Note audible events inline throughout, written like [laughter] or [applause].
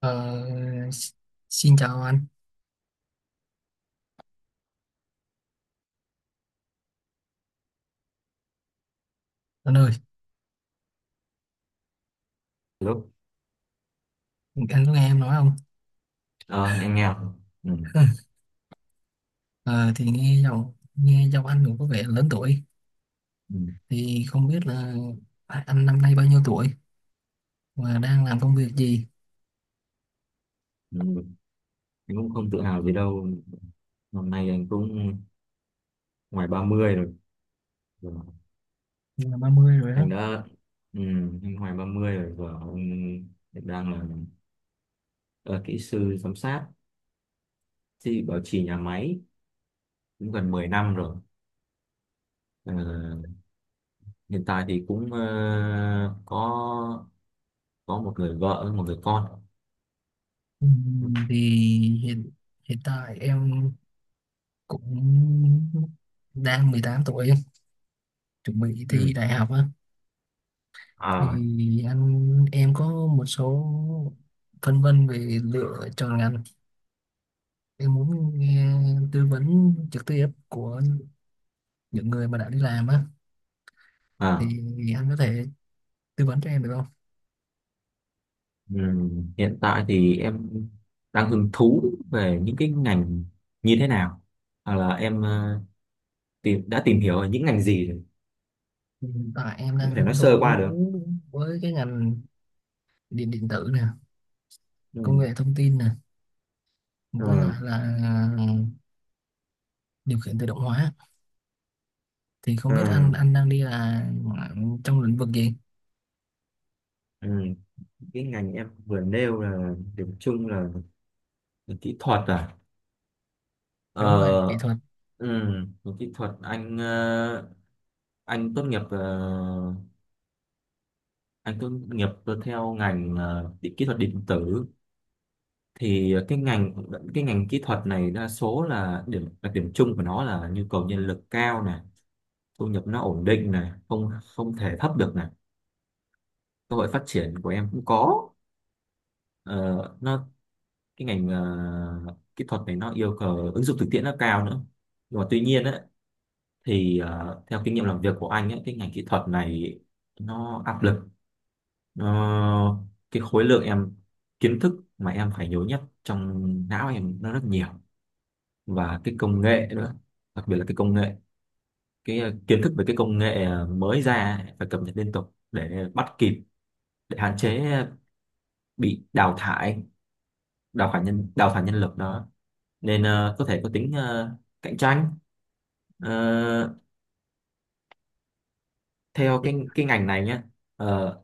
Ờ, Xin chào anh, anh ơi, Lúc anh có nghe em nói không? ờ, em nghe không? Ừ. [laughs] Ờ, thì nghe giọng anh cũng có vẻ lớn tuổi, Ừ. thì không biết là anh năm nay bao nhiêu tuổi và đang làm công việc gì? Ừ. Anh cũng không tự hào gì đâu. Năm nay anh cũng ngoài 30 rồi. Rồi. Ờ, Là ba mươi rồi đó. Anh đã ừ, anh ngoài 30 rồi và anh hiện đang là ờ, kỹ sư giám sát thì bảo trì nhà máy cũng gần 10 năm rồi. Ờ, Hiện tại thì cũng có một người vợ, một người con. Ừ. Thì hiện hiện tại em cũng đang 18 tuổi, chuẩn bị thi Ừ. đại học á. Thì À, anh, em có một số phân vân về lựa chọn ngành, em muốn nghe tư vấn trực tiếp của những người mà đã đi làm á, à. thì anh có thể tư vấn cho em được không? Hiện tại thì em đang hứng thú về những cái ngành như thế nào, hoặc là em ờ, tìm đã tìm hiểu ở những ngành gì rồi, Hiện tại em em đang có thể nói hứng sơ qua thú được? với cái ngành điện điện tử nè, công nghệ Ừm, thông tin nè, ờ, với lại là điều khiển tự động hóa. Thì không ờ, biết anh đang đi là trong lĩnh vực gì? ừm. Cái ngành em vừa nêu là điểm chung là về kỹ thuật à? ờ Đúng rồi, kỹ thuật. Về kỹ thuật anh anh tốt nghiệp ờ, anh tốt nghiệp theo ngành kỹ thuật điện tử. Thì cái ngành kỹ thuật này đa số là điểm chung của nó là nhu cầu nhân lực cao này, thu nhập nó ổn định này, không không thể thấp được này, cơ hội phát triển của em cũng có. Ờ, nó cái ngành kỹ thuật này nó yêu cầu ứng dụng thực tiễn nó cao nữa, nhưng mà tuy nhiên ấy, thì theo kinh nghiệm làm việc của anh ấy, cái ngành kỹ thuật này nó áp lực. Nó cái khối lượng em kiến thức mà em phải nhớ nhất trong não em nó rất nhiều, và cái công nghệ nữa. Đặc biệt là cái công nghệ, cái kiến thức về cái công nghệ mới ra ấy, phải cập nhật liên tục để bắt kịp, để hạn chế bị đào thải, đào thải nhân lực đó. Nên có thể có tính cạnh tranh. Ờ, Theo Thì cái ngành này nhé. Ờ,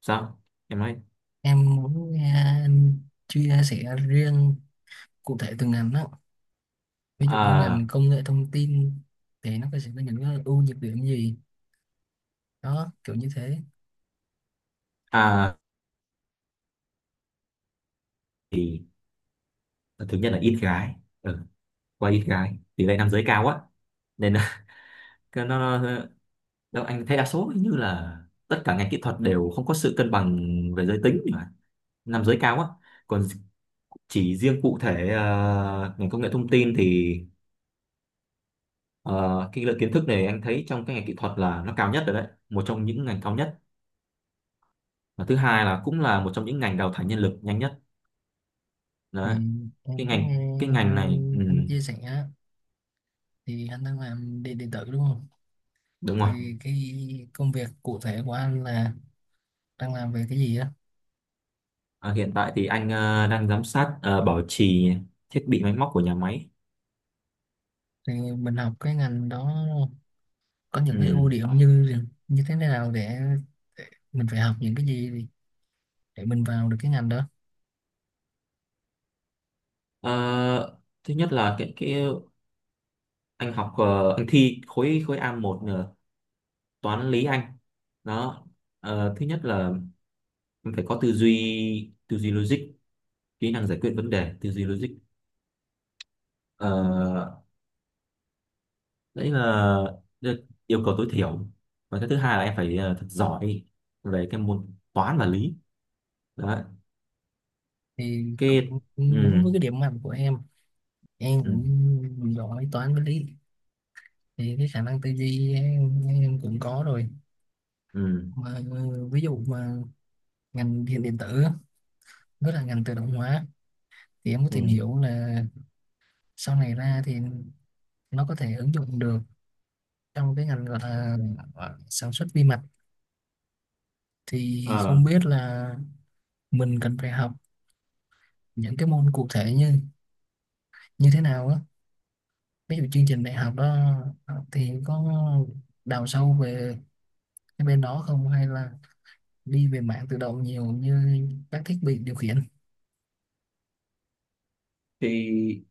Sao em nói? em muốn nghe anh chia sẻ riêng cụ thể từng ngành đó. Ví dụ như à, ngành công nghệ thông tin thì nó có, sẽ có những cái ưu nhược điểm gì, đó, kiểu như thế. à thì thứ nhất là ít gái. Ừ, qua ít gái, tỷ lệ nam giới cao quá nên là [laughs] cái nó đâu anh thấy đa số như là tất cả ngành kỹ thuật đều không có sự cân bằng về giới tính mà, nam giới cao á. Còn chỉ riêng cụ thể ngành công nghệ thông tin thì ờ, cái lượng kiến thức này anh thấy trong cái ngành kỹ thuật là nó cao nhất rồi đấy, một trong những ngành cao nhất. Và thứ hai là cũng là một trong những ngành đào thải nhân lực nhanh nhất Thì đấy. cái em có nghe ngành cái ngành này, ừ, anh chia sẻ á, thì anh đang làm điện điện tử đúng không, đúng rồi. thì cái công việc cụ thể của anh là đang làm về cái gì á? Ờ, Hiện tại thì anh đang giám sát bảo trì thiết bị máy móc của nhà máy. Thì mình học cái ngành đó có những Ừ. cái ưu điểm như như thế nào, để mình phải học những cái gì để mình vào được cái ngành đó. Ờ, Thứ nhất là cái anh học, anh thi khối khối A1 nữa, toán lý anh đó. Thứ nhất là em phải có tư duy logic, kỹ năng giải quyết vấn đề, tư duy logic. Ờ, Đấy là đ- yêu cầu tối thiểu. Và cái thứ hai là em phải thật giỏi về cái môn toán và lý đó. Thì Cái ừ, cũng đúng với cái điểm mạnh của em ừ, cũng giỏi toán với lý, thì cái khả năng tư duy em cũng có rồi. ừ, Mà ví dụ ngành điện điện tử với là ngành tự động hóa, thì em có ừ. tìm hiểu là sau này ra thì nó có thể ứng dụng được trong cái ngành gọi là sản xuất vi mạch. Thì Ờ, không biết là mình cần phải học những cái môn cụ thể như như thế nào á, ví dụ chương trình đại học đó, thì có đào sâu về cái bên đó không, hay là đi về mạng tự động nhiều như các thiết bị điều khiển? thì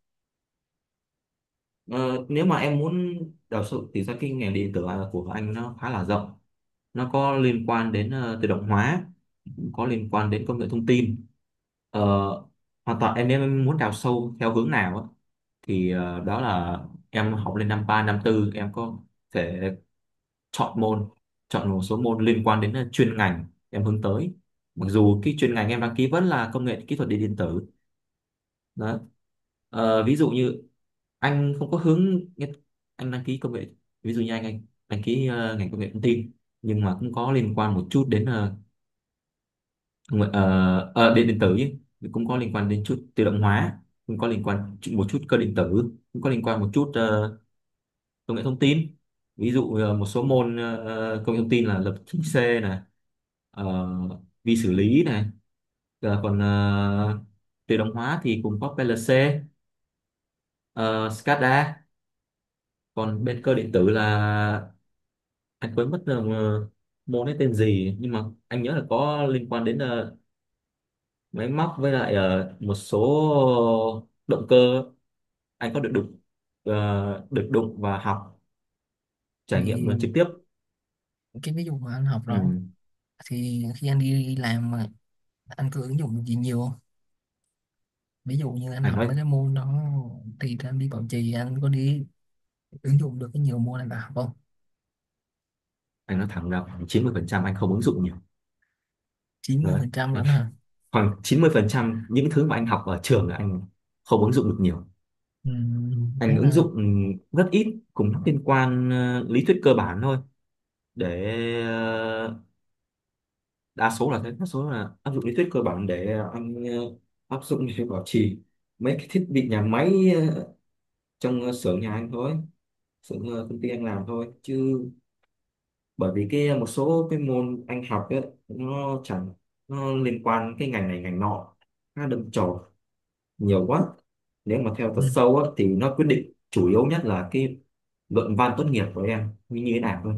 ờ, Nếu mà em muốn đào sâu thì ra cái ngành điện tử của anh nó khá là rộng, nó có liên quan đến tự động hóa, có liên quan đến công nghệ thông tin. ờ, Hoàn toàn em muốn đào sâu theo hướng nào á, thì đó là em học lên năm 3 năm 4 em có thể chọn môn, chọn một số môn liên quan đến chuyên ngành em hướng tới, mặc dù cái chuyên ngành em đăng ký vẫn là công nghệ kỹ thuật điện điện tử đó. Ví dụ như anh không có hướng, anh đăng ký công nghệ, ví dụ như anh đăng ký ngành công nghệ thông tin, nhưng mà cũng có liên quan một chút đến đúng rồi, điện điện tử ấy, cũng có liên quan đến chút tự động hóa, cũng có liên quan một chút cơ điện tử, cũng có liên quan một chút công nghệ thông tin. Ví dụ một số môn công nghệ thông tin là lập trình C này, ờ, vi xử lý này. Còn tự động hóa thì cũng có PLC, ờ, SCADA. Còn bên cơ điện tử là anh quên mất là môn ấy tên gì, nhưng mà anh nhớ là có liên quan đến máy móc, với lại một số động cơ anh có được đụng, được đụng và học trải nghiệm nó Thì trực tiếp. cái ví dụ mà anh học Ừ. đó, thì khi anh đi làm mà anh có ứng dụng gì nhiều không? Ví dụ như anh anh học nói mấy cái môn đó thì anh đi bảo trì, anh có đi ứng dụng được cái nhiều môn này đã học không? anh nói thẳng là khoảng 90% anh không ứng dụng nhiều. Rồi. 90% Đấy, lắm hả? khoảng 90% những thứ mà anh học ở trường là anh không ứng dụng được nhiều, Ừ, thế anh ứng là dụng rất ít, cũng liên quan lý thuyết cơ bản thôi. Để đa số là thế, đa số là áp dụng lý thuyết cơ bản để anh áp dụng để bảo trì mấy cái thiết bị nhà máy, ờ, trong xưởng nhà anh thôi, xưởng công ty anh làm thôi. Chứ bởi vì cái một số cái môn anh học ấy, nó chẳng, nó liên quan cái ngành này ngành nọ, nó đâm chồi nhiều quá. Nếu mà theo thật ừ. sâu á, thì nó quyết định chủ yếu nhất là cái luận văn tốt nghiệp của em như như thế nào thôi.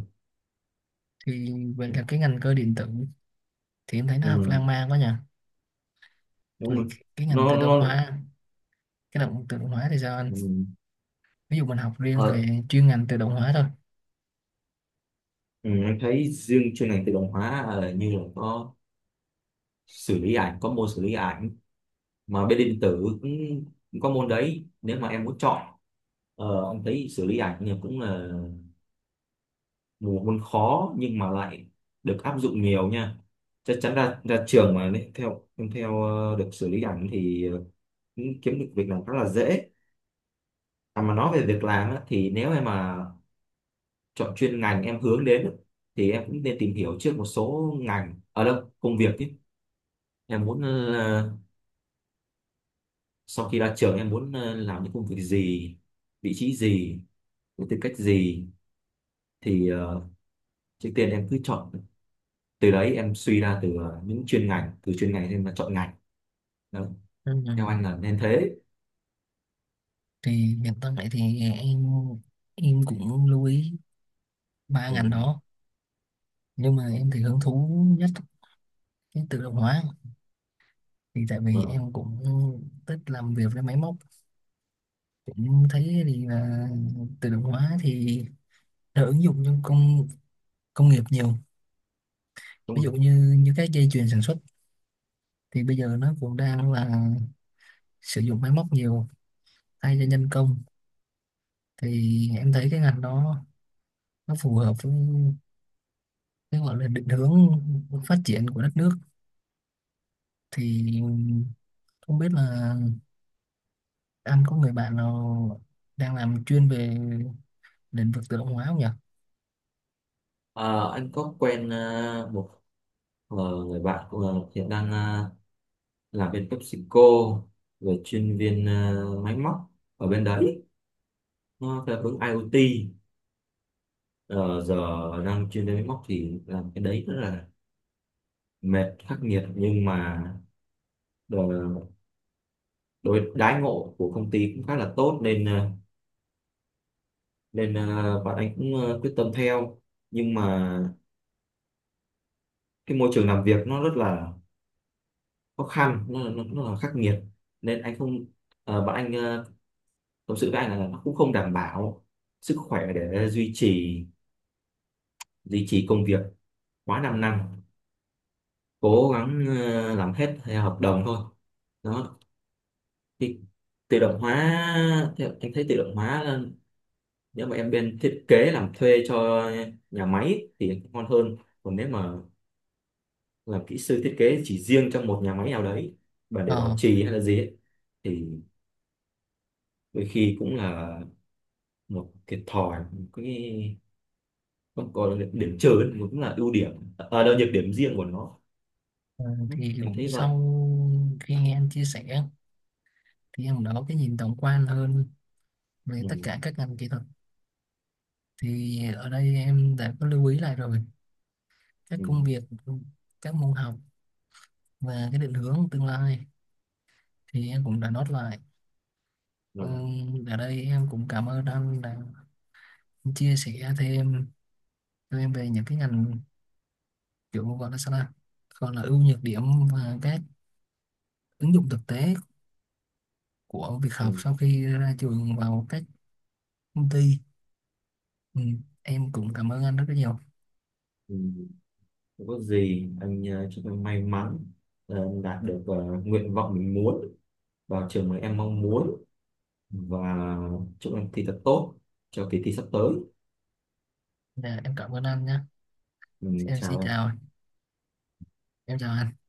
Thì vậy Ừ, là cái ngành cơ điện tử thì em thấy nó học ừ, lan man quá nhỉ. đúng Vậy rồi. cái ngành tự động Nó hóa, cái tự động hóa thì sao anh? Ừ, Ví dụ mình học riêng ờ, về chuyên ngành tự động hóa thôi. ừ, em thấy riêng chuyên ngành tự động hóa như là có xử lý ảnh, có môn xử lý ảnh mà bên điện tử cũng, cũng có môn đấy. Nếu mà em muốn chọn, em thấy xử lý ảnh thì cũng là một môn khó nhưng mà lại được áp dụng nhiều nha. Chắc chắn ra ra trường mà nếu theo em theo được xử lý ảnh thì cũng kiếm được việc làm rất là dễ. À, mà nói về việc làm á, thì nếu em mà chọn chuyên ngành em hướng đến á, thì em cũng nên tìm hiểu trước một số ngành ở đâu công việc chứ. Em muốn sau khi ra trường em muốn làm những công việc gì, vị trí gì, với tư cách gì. Thì trước tiên em cứ chọn, từ đấy em suy ra từ những chuyên ngành, từ chuyên ngành em mà chọn ngành đó. Ừ. Theo anh là nên thế. Thì hiện tại thì em cũng lưu ý ba ngành Ừ. đó, nhưng mà em thì hứng thú nhất cái tự động hóa, thì tại vì Vâng. em cũng thích làm việc với máy móc, cũng thấy thì là tự động hóa thì đã ứng dụng trong công công nghiệp nhiều. Đúng Ví rồi. dụ như như các dây chuyền sản xuất thì bây giờ nó cũng đang là sử dụng máy móc nhiều thay cho nhân công, thì em thấy cái ngành đó nó phù hợp với cái gọi là định hướng phát triển của đất nước. Thì không biết là anh có người bạn nào đang làm chuyên về lĩnh vực tự động hóa không nhỉ? Ờ, anh có quen một ờ, người bạn hiện đang làm bên PepsiCo về chuyên viên máy móc ở bên đấy, nó theo hướng IoT. Ờ, Giờ đang chuyên viên máy móc thì làm cái đấy rất là mệt, khắc nghiệt. Nhưng mà ờ, đối đãi ngộ của công ty cũng khá là tốt nên nên à, bạn ấy cũng à, quyết tâm theo. Nhưng mà cái môi trường làm việc nó rất là khó khăn, nó là khắc nghiệt. Nên anh không à, bạn anh à, tâm sự với anh là nó cũng không đảm bảo sức khỏe để duy trì công việc quá 5 năm, cố gắng à, làm hết theo hợp đồng thôi đó. Thì tự động hóa, theo anh thấy tự động hóa là nếu mà em bên thiết kế làm thuê cho nhà máy thì ngon hơn. Còn nếu mà làm kỹ sư thiết kế chỉ riêng trong một nhà máy nào đấy và để bảo Ờ, trì hay là gì ấy, thì đôi khi cũng là một thiệt thòi, một cái không có điểm trừ ấy, cũng là ưu điểm à, đâu nhược điểm riêng của nó. Ừ, thì anh cũng thấy vậy. sau khi nghe anh chia sẻ thì em cũng đã có cái nhìn tổng quan hơn về Ừ, tất cả các ngành kỹ thuật, thì ở đây em đã có lưu ý lại rồi các ừ, công việc, các môn học và cái định hướng tương lai thì em cũng đã nốt lại. ừ, Ở đây em cũng cảm ơn anh đã chia sẻ thêm cho em về những cái ngành kiểu gọi là sao, là gọi là ưu nhược điểm và các ứng dụng thực tế của việc ừ, học sau khi ra trường vào các công ty. Em cũng cảm ơn anh rất là nhiều. ừ. Không có gì. Anh chúc em may mắn, đạt được nguyện vọng mình muốn, vào trường mà em mong muốn, và chúc em thi thật tốt cho kỳ thi sắp tới. Dạ, em cảm ơn anh nhé. Ừ, Em xin chào em. chào, em chào anh.